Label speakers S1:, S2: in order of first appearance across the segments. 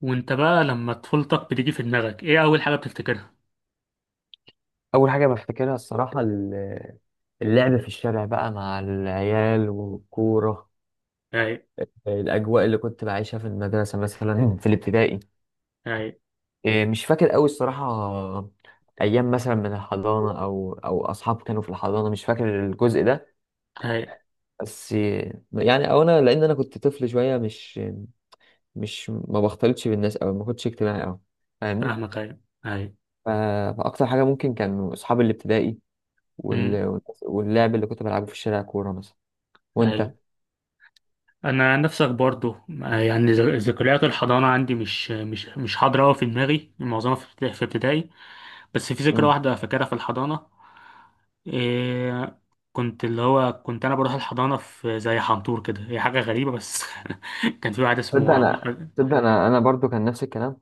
S1: وانت بقى لما طفولتك بتيجي في دماغك ايه اول حاجة بتفتكرها؟
S2: اول حاجه بفتكرها الصراحه اللعب في الشارع بقى مع العيال والكوره.
S1: اي.
S2: الاجواء اللي كنت بعيشها في المدرسه مثلا في الابتدائي.
S1: اي.
S2: إيه، مش فاكر قوي الصراحه. ايام مثلا من الحضانه او اصحاب كانوا في الحضانه، مش فاكر الجزء ده.
S1: اي.
S2: بس يعني او انا، لان انا كنت طفل شويه، مش ما بختلطش بالناس او ما كنتش اجتماعي قوي، فاهمني.
S1: فاهمك. اي. اي.
S2: ف- فاكتر حاجه ممكن كانوا اصحاب الابتدائي
S1: امم
S2: واللعب اللي كنت بلعبه في الشارع، كوره مثلا.
S1: اي.
S2: وانت؟
S1: انا نفسك برضو. يعني ذكريات الحضانة عندي مش حاضرة أوي في دماغي، معظمها في ابتدائي. بس في ذكرى
S2: مم.
S1: واحدة فاكرها في الحضانة. إيه، كنت اللي هو كنت انا بروح الحضانة في زي حنطور كده، هي حاجة غريبة بس كان في واحد
S2: تصدق
S1: اسمه عم
S2: انا،
S1: احمد.
S2: تصدق انا برضو كان نفس الكلام.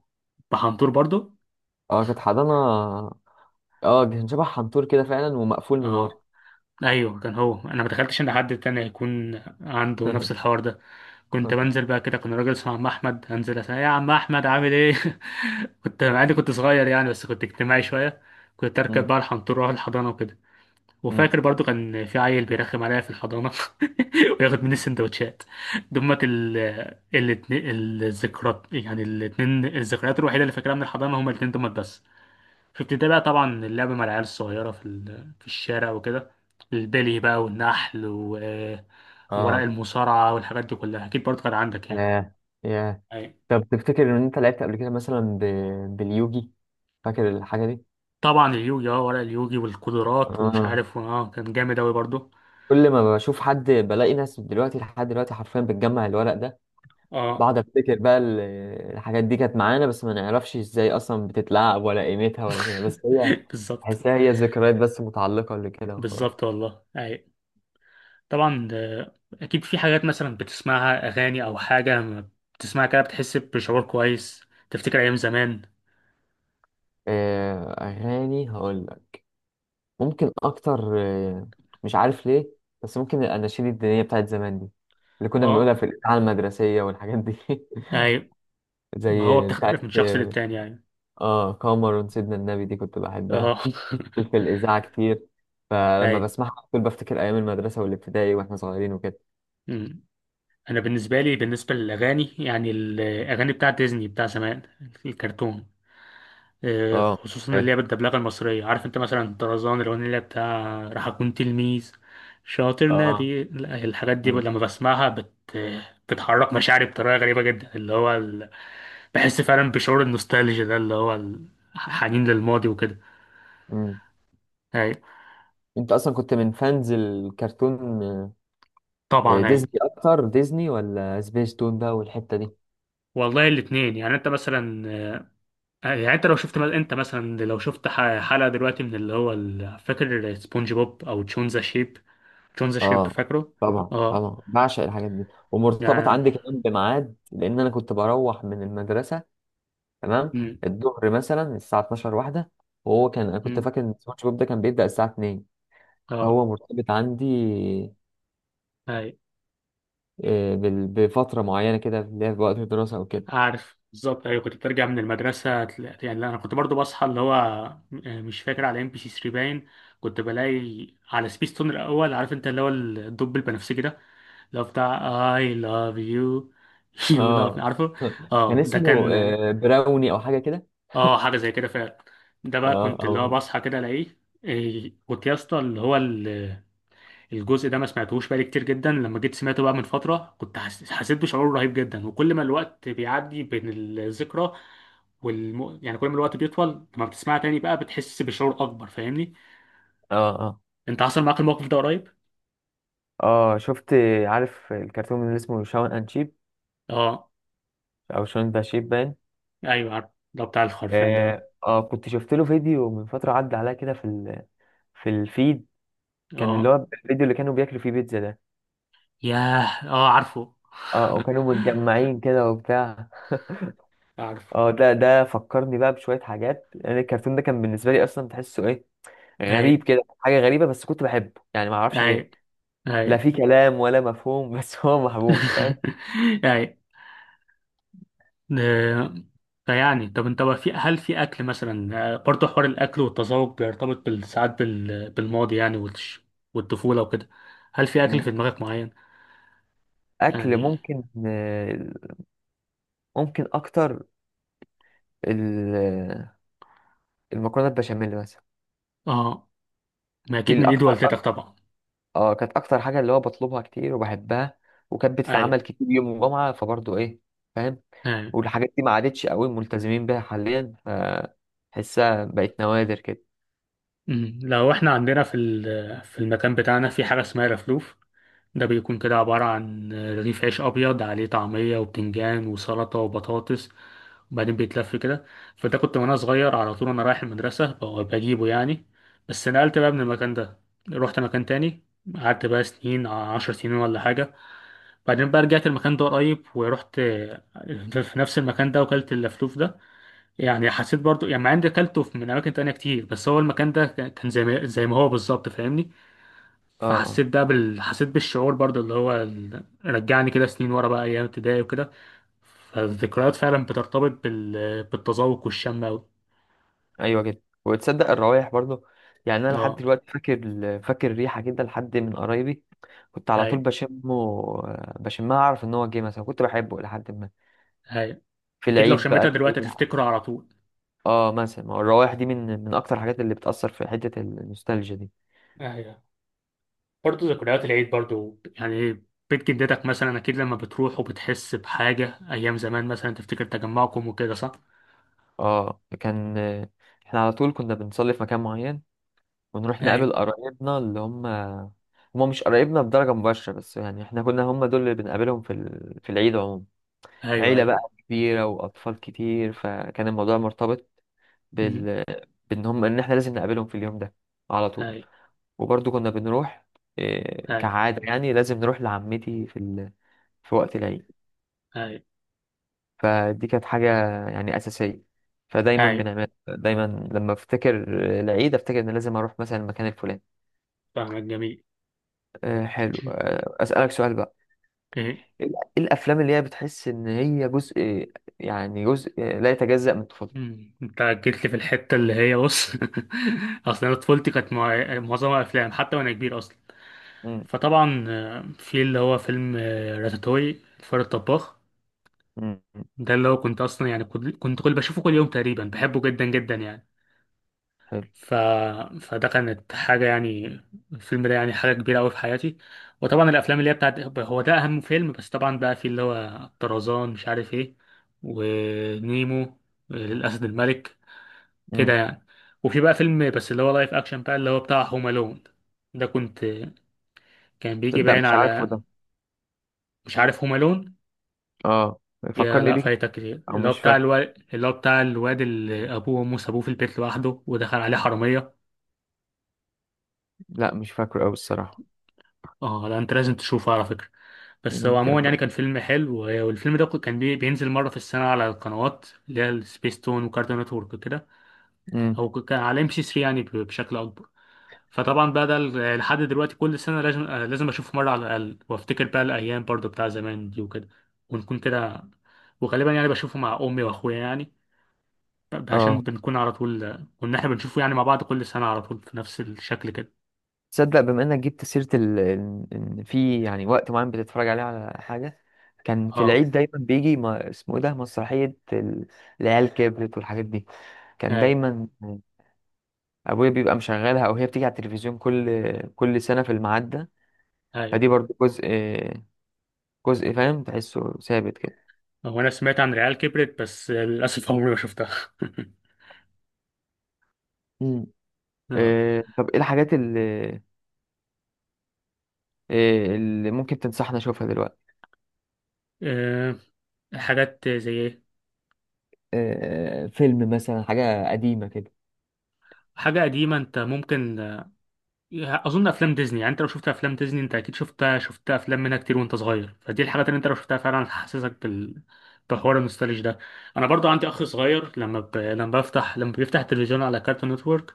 S1: بحنطور برضو.
S2: اه كانت حضانه. اه كان شبه حنطور كده فعلا ومقفول من ورا.
S1: اه، ايوه كان هو، انا ما تخيلتش ان حد تاني هيكون عنده نفس الحوار ده. كنت بنزل بقى كده، كان راجل اسمه عم احمد، انزل اسال يا عم احمد عامل ايه؟ كنت مع اني كنت صغير يعني، بس كنت اجتماعي شويه. كنت اركب
S2: مم.
S1: بقى الحنطور واروح الحضانه وكده.
S2: مم.
S1: وفاكر برضو كان في عيل بيرخم عليا في الحضانه وياخد مني السندوتشات. دمت الاتنين الذكريات، يعني الاتنين الذكريات الوحيده اللي فاكرها من الحضانه هما الاتنين دمت بس. كنت بتابع طبعا اللعب مع العيال الصغيرة في الشارع وكده. البلي بقى والنحل وورق
S2: اه.
S1: المصارعة والحاجات دي كلها أكيد برضه كان عندك يعني.
S2: ياه. ياه.
S1: ايوه.
S2: طب تفتكر ان انت لعبت قبل كده مثلا باليوجي؟ فاكر الحاجه دي؟
S1: طبعا اليوجي، اه ورق اليوجي والقدرات ومش
S2: اه.
S1: عارف، اه كان جامد أوي برضه.
S2: كل ما بشوف حد بلاقي ناس دلوقتي لحد دلوقتي حرفيا بتجمع الورق ده،
S1: اه.
S2: بقعد افتكر بقى الحاجات دي كانت معانا، بس ما نعرفش ازاي اصلا بتتلعب ولا قيمتها ولا كده، بس هي
S1: بالظبط.
S2: بحسها هي ذكريات بس متعلقه لكده
S1: بالظبط
S2: وخلاص.
S1: والله. أي. طبعا. أكيد في حاجات مثلا بتسمعها أغاني أو حاجة ما، بتسمعها كده بتحس بشعور كويس، تفتكر أيام زمان.
S2: آه، أغاني هقول لك، ممكن أكتر. آه، مش عارف ليه، بس ممكن الأناشيد الدينية بتاعت زمان دي اللي كنا بنقولها
S1: اه.
S2: في الإذاعة المدرسية والحاجات دي.
S1: أي.
S2: زي
S1: ما هو بتختلف من
S2: بتاعت
S1: شخص
S2: آه.
S1: للتاني يعني.
S2: آه، قمر سيدنا النبي دي كنت بحبها،
S1: اه.
S2: كنت في الإذاعة كتير، فلما
S1: ايوه.
S2: بسمعها على طول بفتكر أيام المدرسة والابتدائي وإحنا صغيرين وكده.
S1: أمم. انا بالنسبه لي، بالنسبه للاغاني يعني، الاغاني بتاعه ديزني بتاع زمان، الكرتون.
S2: اه.
S1: خصوصا اللي
S2: حلو.
S1: هي بالدبلجه المصريه. عارف انت مثلا طرزان، الاغنيه اللي هي بتاع راح اكون تلميذ شاطر
S2: اه.
S1: نبي، لا، الحاجات دي
S2: مم.
S1: لما بسمعها بتحرك مشاعري بطريقه غريبه جدا، اللي هو بحس فعلا بشعور النوستالجيا ده، اللي هو الحنين للماضي وكده.
S2: مم.
S1: ايوه.
S2: أنت أصلا كنت من فانز الكرتون؟ آه، آه،
S1: طبعا
S2: ديزني
S1: ايوه.
S2: أكتر، ديزني ولا سبيس تون بقى والحتة دي؟
S1: والله الاثنين يعني. انت مثلا يعني انت لو شفت مثلا، انت مثلا لو شفت حلقة دلوقتي من اللي هو فاكر سبونج بوب او تشونزا شيب. تشونزا شيب
S2: اه.
S1: فاكره.
S2: طبعا،
S1: اه.
S2: طبعا بعشق الحاجات دي، ومرتبط
S1: يعني.
S2: عندي كمان بميعاد لان انا كنت بروح من المدرسه. تمام.
S1: مم،
S2: الظهر مثلا الساعه 12 واحده، وهو كان انا كنت
S1: مم،
S2: فاكر ان سبونج بوب ده كان بيبدا الساعه 2.
S1: اه.
S2: فهو مرتبط عندي
S1: اي.
S2: آه، بفتره معينه كده اللي هي في وقت الدراسه او كده.
S1: عارف بالظبط. ايوه كنت بترجع من المدرسة يعني لا، انا كنت برضو بصحى، اللي هو مش فاكر، على ام بي سي 3 باين. كنت بلاقي على سبيس تون الاول. عارف انت اللي هو الدب البنفسجي ده اللي هو بتاع I love you you love me،
S2: اه.
S1: عارفه.
S2: كان
S1: اه ده
S2: اسمه
S1: كان.
S2: آه، براوني او حاجه كده.
S1: اه حاجه زي كده فعلا. ده بقى
S2: اه.
S1: كنت اللي هو
S2: اه.
S1: بصحى كده الاقيه. إيه، كنت يا اسطى اللي هو الجزء ده ما سمعتهوش بقالي كتير جدا، لما جيت سمعته بقى من فتره كنت حسيت بشعور رهيب جدا، وكل ما الوقت بيعدي بين الذكرى يعني كل ما الوقت بيطول لما بتسمعها تاني بقى بتحس بشعور اكبر، فاهمني؟
S2: اه. اه.
S1: انت حصل معاك الموقف ده قريب؟
S2: اه شفت، عارف الكرتون اللي اسمه شاون اند شيب
S1: اه.
S2: او شاون ذا شيب؟
S1: ايوه عارف، ده بتاع الخرفان ده. اه.
S2: اه، آه، كنت شفت له فيديو من فترة عدى عليا كده في في الفيد. كان اللي
S1: آه.
S2: هو الفيديو اللي كانوا بياكلوا فيه بيتزا ده.
S1: ياه اه عارفه.
S2: اه، آه، وكانوا متجمعين كده وبتاع.
S1: عارفه.
S2: اه، ده فكرني بقى بشوية حاجات. يعني الكرتون ده كان بالنسبة لي أصلا، تحسه إيه،
S1: اي.
S2: غريب كده، حاجة غريبة، بس كنت بحبه يعني، ما أعرفش
S1: اي.
S2: ليه.
S1: اي.
S2: لا في كلام ولا مفهوم، بس هو محبوب، فاهم.
S1: اي. آه، فيعني طب انت بقى، في، هل في اكل مثلا؟ برضه حوار الاكل والتذوق بيرتبط بالماضي يعني، والطفوله وكده. هل في اكل
S2: مم.
S1: في دماغك معين؟
S2: أكل
S1: يعني.
S2: ممكن آه، ممكن أكتر ال- المكرونة البشاميل مثلا.
S1: اه، ما
S2: دي
S1: اكيد من ايد
S2: الأكتر.
S1: والدتك طبعا.
S2: اه، كانت اكتر حاجه اللي هو بطلبها كتير وبحبها، وكانت
S1: اي.
S2: بتتعمل كتير يوم الجمعه، فبرضه ايه. فاهم.
S1: اي.
S2: والحاجات دي ما عادتش قوي ملتزمين بيها حاليا، فحسها بقت نوادر كده.
S1: أمم. لو احنا عندنا في المكان بتاعنا في حاجه اسمها رفلوف. ده بيكون كده عباره عن رغيف عيش ابيض عليه طعميه وبتنجان وسلطه وبطاطس، وبعدين بيتلف كده. فده كنت وانا صغير على طول وانا رايح المدرسة بجيبه يعني. بس نقلت بقى من المكان ده، رحت مكان تاني، قعدت بقى سنين 10 سنين ولا حاجة. بعدين بقى رجعت المكان ده قريب ورحت في نفس المكان ده وكلت اللفلوف ده. يعني حسيت برضو يعني، مع اني كلته من أماكن تانية كتير، بس هو المكان ده كان زي ما هو بالظبط، فاهمني؟
S2: اه. اه.
S1: فحسيت ده حسيت بالشعور برضو، اللي هو رجعني كده سنين ورا بقى أيام ابتدائي وكده. فالذكريات فعلا بترتبط بالتذوق والشم أوي.
S2: ايوه كده. وتصدق الروايح برضه؟ يعني انا لحد
S1: اه.
S2: دلوقتي فاكر فاكر ريحه كده لحد من قرايبي، كنت على طول
S1: هاي.
S2: بشمه، آه، بشمها اعرف ان هو جه مثلا، كنت بحبه لحد ما
S1: هاي.
S2: في
S1: اكيد لو
S2: العيد
S1: شميتها
S2: بقى
S1: دلوقتي
S2: تلاقي-.
S1: هتفتكره على طول.
S2: اه مثلا، ما هو الروايح دي من اكتر الحاجات اللي بتاثر في حته النوستالجيا دي.
S1: ايوه برضه، ذكريات العيد برضه يعني. بيت جدتك مثلا اكيد لما بتروح وبتحس بحاجه ايام زمان مثلا، تفتكر تجمعكم وكده، صح؟
S2: اه، كان احنا على طول كنا بنصلي في مكان معين، ونروح
S1: ايوه.
S2: نقابل قرايبنا اللي هم، هم مش قرايبنا بدرجة مباشرة، بس يعني احنا كنا هم دول اللي بنقابلهم في في العيد عموما.
S1: ايوه.
S2: عيلة بقى
S1: ايوه.
S2: كبيرة وأطفال كتير، فكان الموضوع مرتبط
S1: أمم.
S2: بال، بإن هم إن احنا لازم نقابلهم في اليوم ده على طول.
S1: ايوه.
S2: وبرضه كنا بنروح، إيه،
S1: ايوه.
S2: كعادة، يعني لازم نروح لعمتي في في وقت العيد.
S1: ايوه.
S2: فدي كانت حاجة يعني أساسية، فدايما
S1: ايوه.
S2: بنعمل، دايما لما افتكر العيد افتكر ان لازم اروح مثلا المكان الفلاني.
S1: فاهمك. جميل.
S2: أه حلو، أه اسألك سؤال بقى.
S1: ايه.
S2: ايه الافلام اللي هي بتحس ان هي جزء، يعني جزء لا يتجزأ من طفولتك؟
S1: أمم. انت جيت لي في الحته اللي هي، بص، اصل انا طفولتي كانت معظمها افلام، حتى وانا كبير اصلا.
S2: مم،
S1: فطبعا في اللي هو فيلم، راتاتوي، الفار الطباخ.
S2: مم، مم،
S1: ده اللي هو كنت اصلا يعني كنت كل بشوفه كل يوم تقريبا، بحبه جدا جدا يعني.
S2: حلو.
S1: ف... فده كانت حاجة يعني، الفيلم ده يعني حاجة كبيرة أوي في حياتي. وطبعا الأفلام اللي هي بتاعت، هو ده أهم فيلم، بس طبعا بقى في اللي هو طرزان مش عارف إيه، ونيمو، الأسد الملك كده
S2: مم.
S1: يعني. وفي بقى فيلم بس اللي هو لايف أكشن بقى اللي هو بتاع هوم ألون. ده كنت، كان بيجي
S2: تصدق
S1: باين
S2: مش عارفه
S1: على.
S2: ده.
S1: مش عارف هوم ألون؟
S2: اه،
S1: يا
S2: فكرني
S1: لا
S2: بيه،
S1: فايتك كتير.
S2: او
S1: اللي هو
S2: مش
S1: بتاع
S2: فاكره،
S1: الواد، اللي هو بتاع الواد اللي ابوه وامه سابوه في البيت لوحده ودخل عليه حراميه.
S2: لا مش فاكره قوي الصراحة.
S1: اه لا انت لازم تشوفه على فكره. بس هو
S2: ممكن
S1: عموما
S2: أبقى-.
S1: يعني كان فيلم حلو، والفيلم ده كان بينزل مره في السنه على القنوات اللي هي السبيس تون وكارتون نتورك كده،
S2: مم.
S1: او كان على ام بي سي 3 يعني بشكل اكبر. فطبعا بقى ده لحد دلوقتي كل سنه لازم، لازم اشوفه مره على الاقل، وافتكر بقى الايام برضو بتاع زمان دي وكده، ونكون كده. وغالبا يعني بشوفه مع امي واخويا يعني، ده عشان
S2: اه،
S1: بنكون على طول كنا احنا بنشوفه يعني مع بعض كل سنة على طول في نفس الشكل كده.
S2: تصدق بما انك جبت سيرة ان إن في يعني وقت معين بتتفرج عليه على حاجة؟ كان في
S1: اه.
S2: العيد دايما بيجي ما اسمه ايه ده، مسرحية العيال كبرت والحاجات دي. كان
S1: اي.
S2: دايما ابويا بيبقى مشغلها او هي بتيجي على التلفزيون، كل كل سنة في الميعاد ده.
S1: اي.
S2: فدي برضو جزء، جزء فاهم، تحسه ثابت كده.
S1: هو انا سمعت عن ريال كبرت، بس للأسف عمري ما شفتها.
S2: مم.
S1: اه.
S2: آه، طب ايه الحاجات اللي، آه، اللي ممكن تنصحنا اشوفها دلوقتي؟
S1: آه، حاجات زي ايه؟
S2: آه، فيلم مثلا حاجة قديمة كده.
S1: حاجة قديمة، انت ممكن، اظن افلام ديزني يعني. انت لو شفت افلام ديزني انت اكيد شفتها، شفت افلام منها كتير وانت صغير، فدي الحاجات اللي انت لو شفتها فعلا هتحسسك بحوار النوستالج ده. انا برضو عندي اخ صغير، لما ب... لما بفتح لما بيفتح التلفزيون على كارتون نتورك،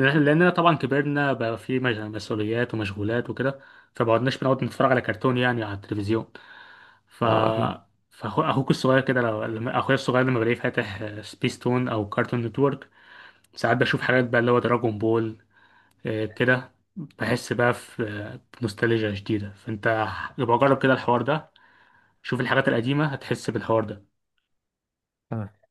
S1: لاننا طبعا كبرنا بقى في مسؤوليات ومشغولات وكده، فبقعدناش بنقعد نتفرج على كرتون يعني على التلفزيون. ف
S2: اه اكيد.
S1: فاخوك الصغير كده لما اخويا الصغير لما بلاقيه فاتح سبيستون او كارتون نتورك، ساعات بشوف حاجات بقى اللي هو دراجون بول. كده بحس بقى في، بنوستالجيا شديدة. فانت يبقى جرب كده الحوار ده، شوف الحاجات القديمة هتحس بالحوار ده.
S2: تمام.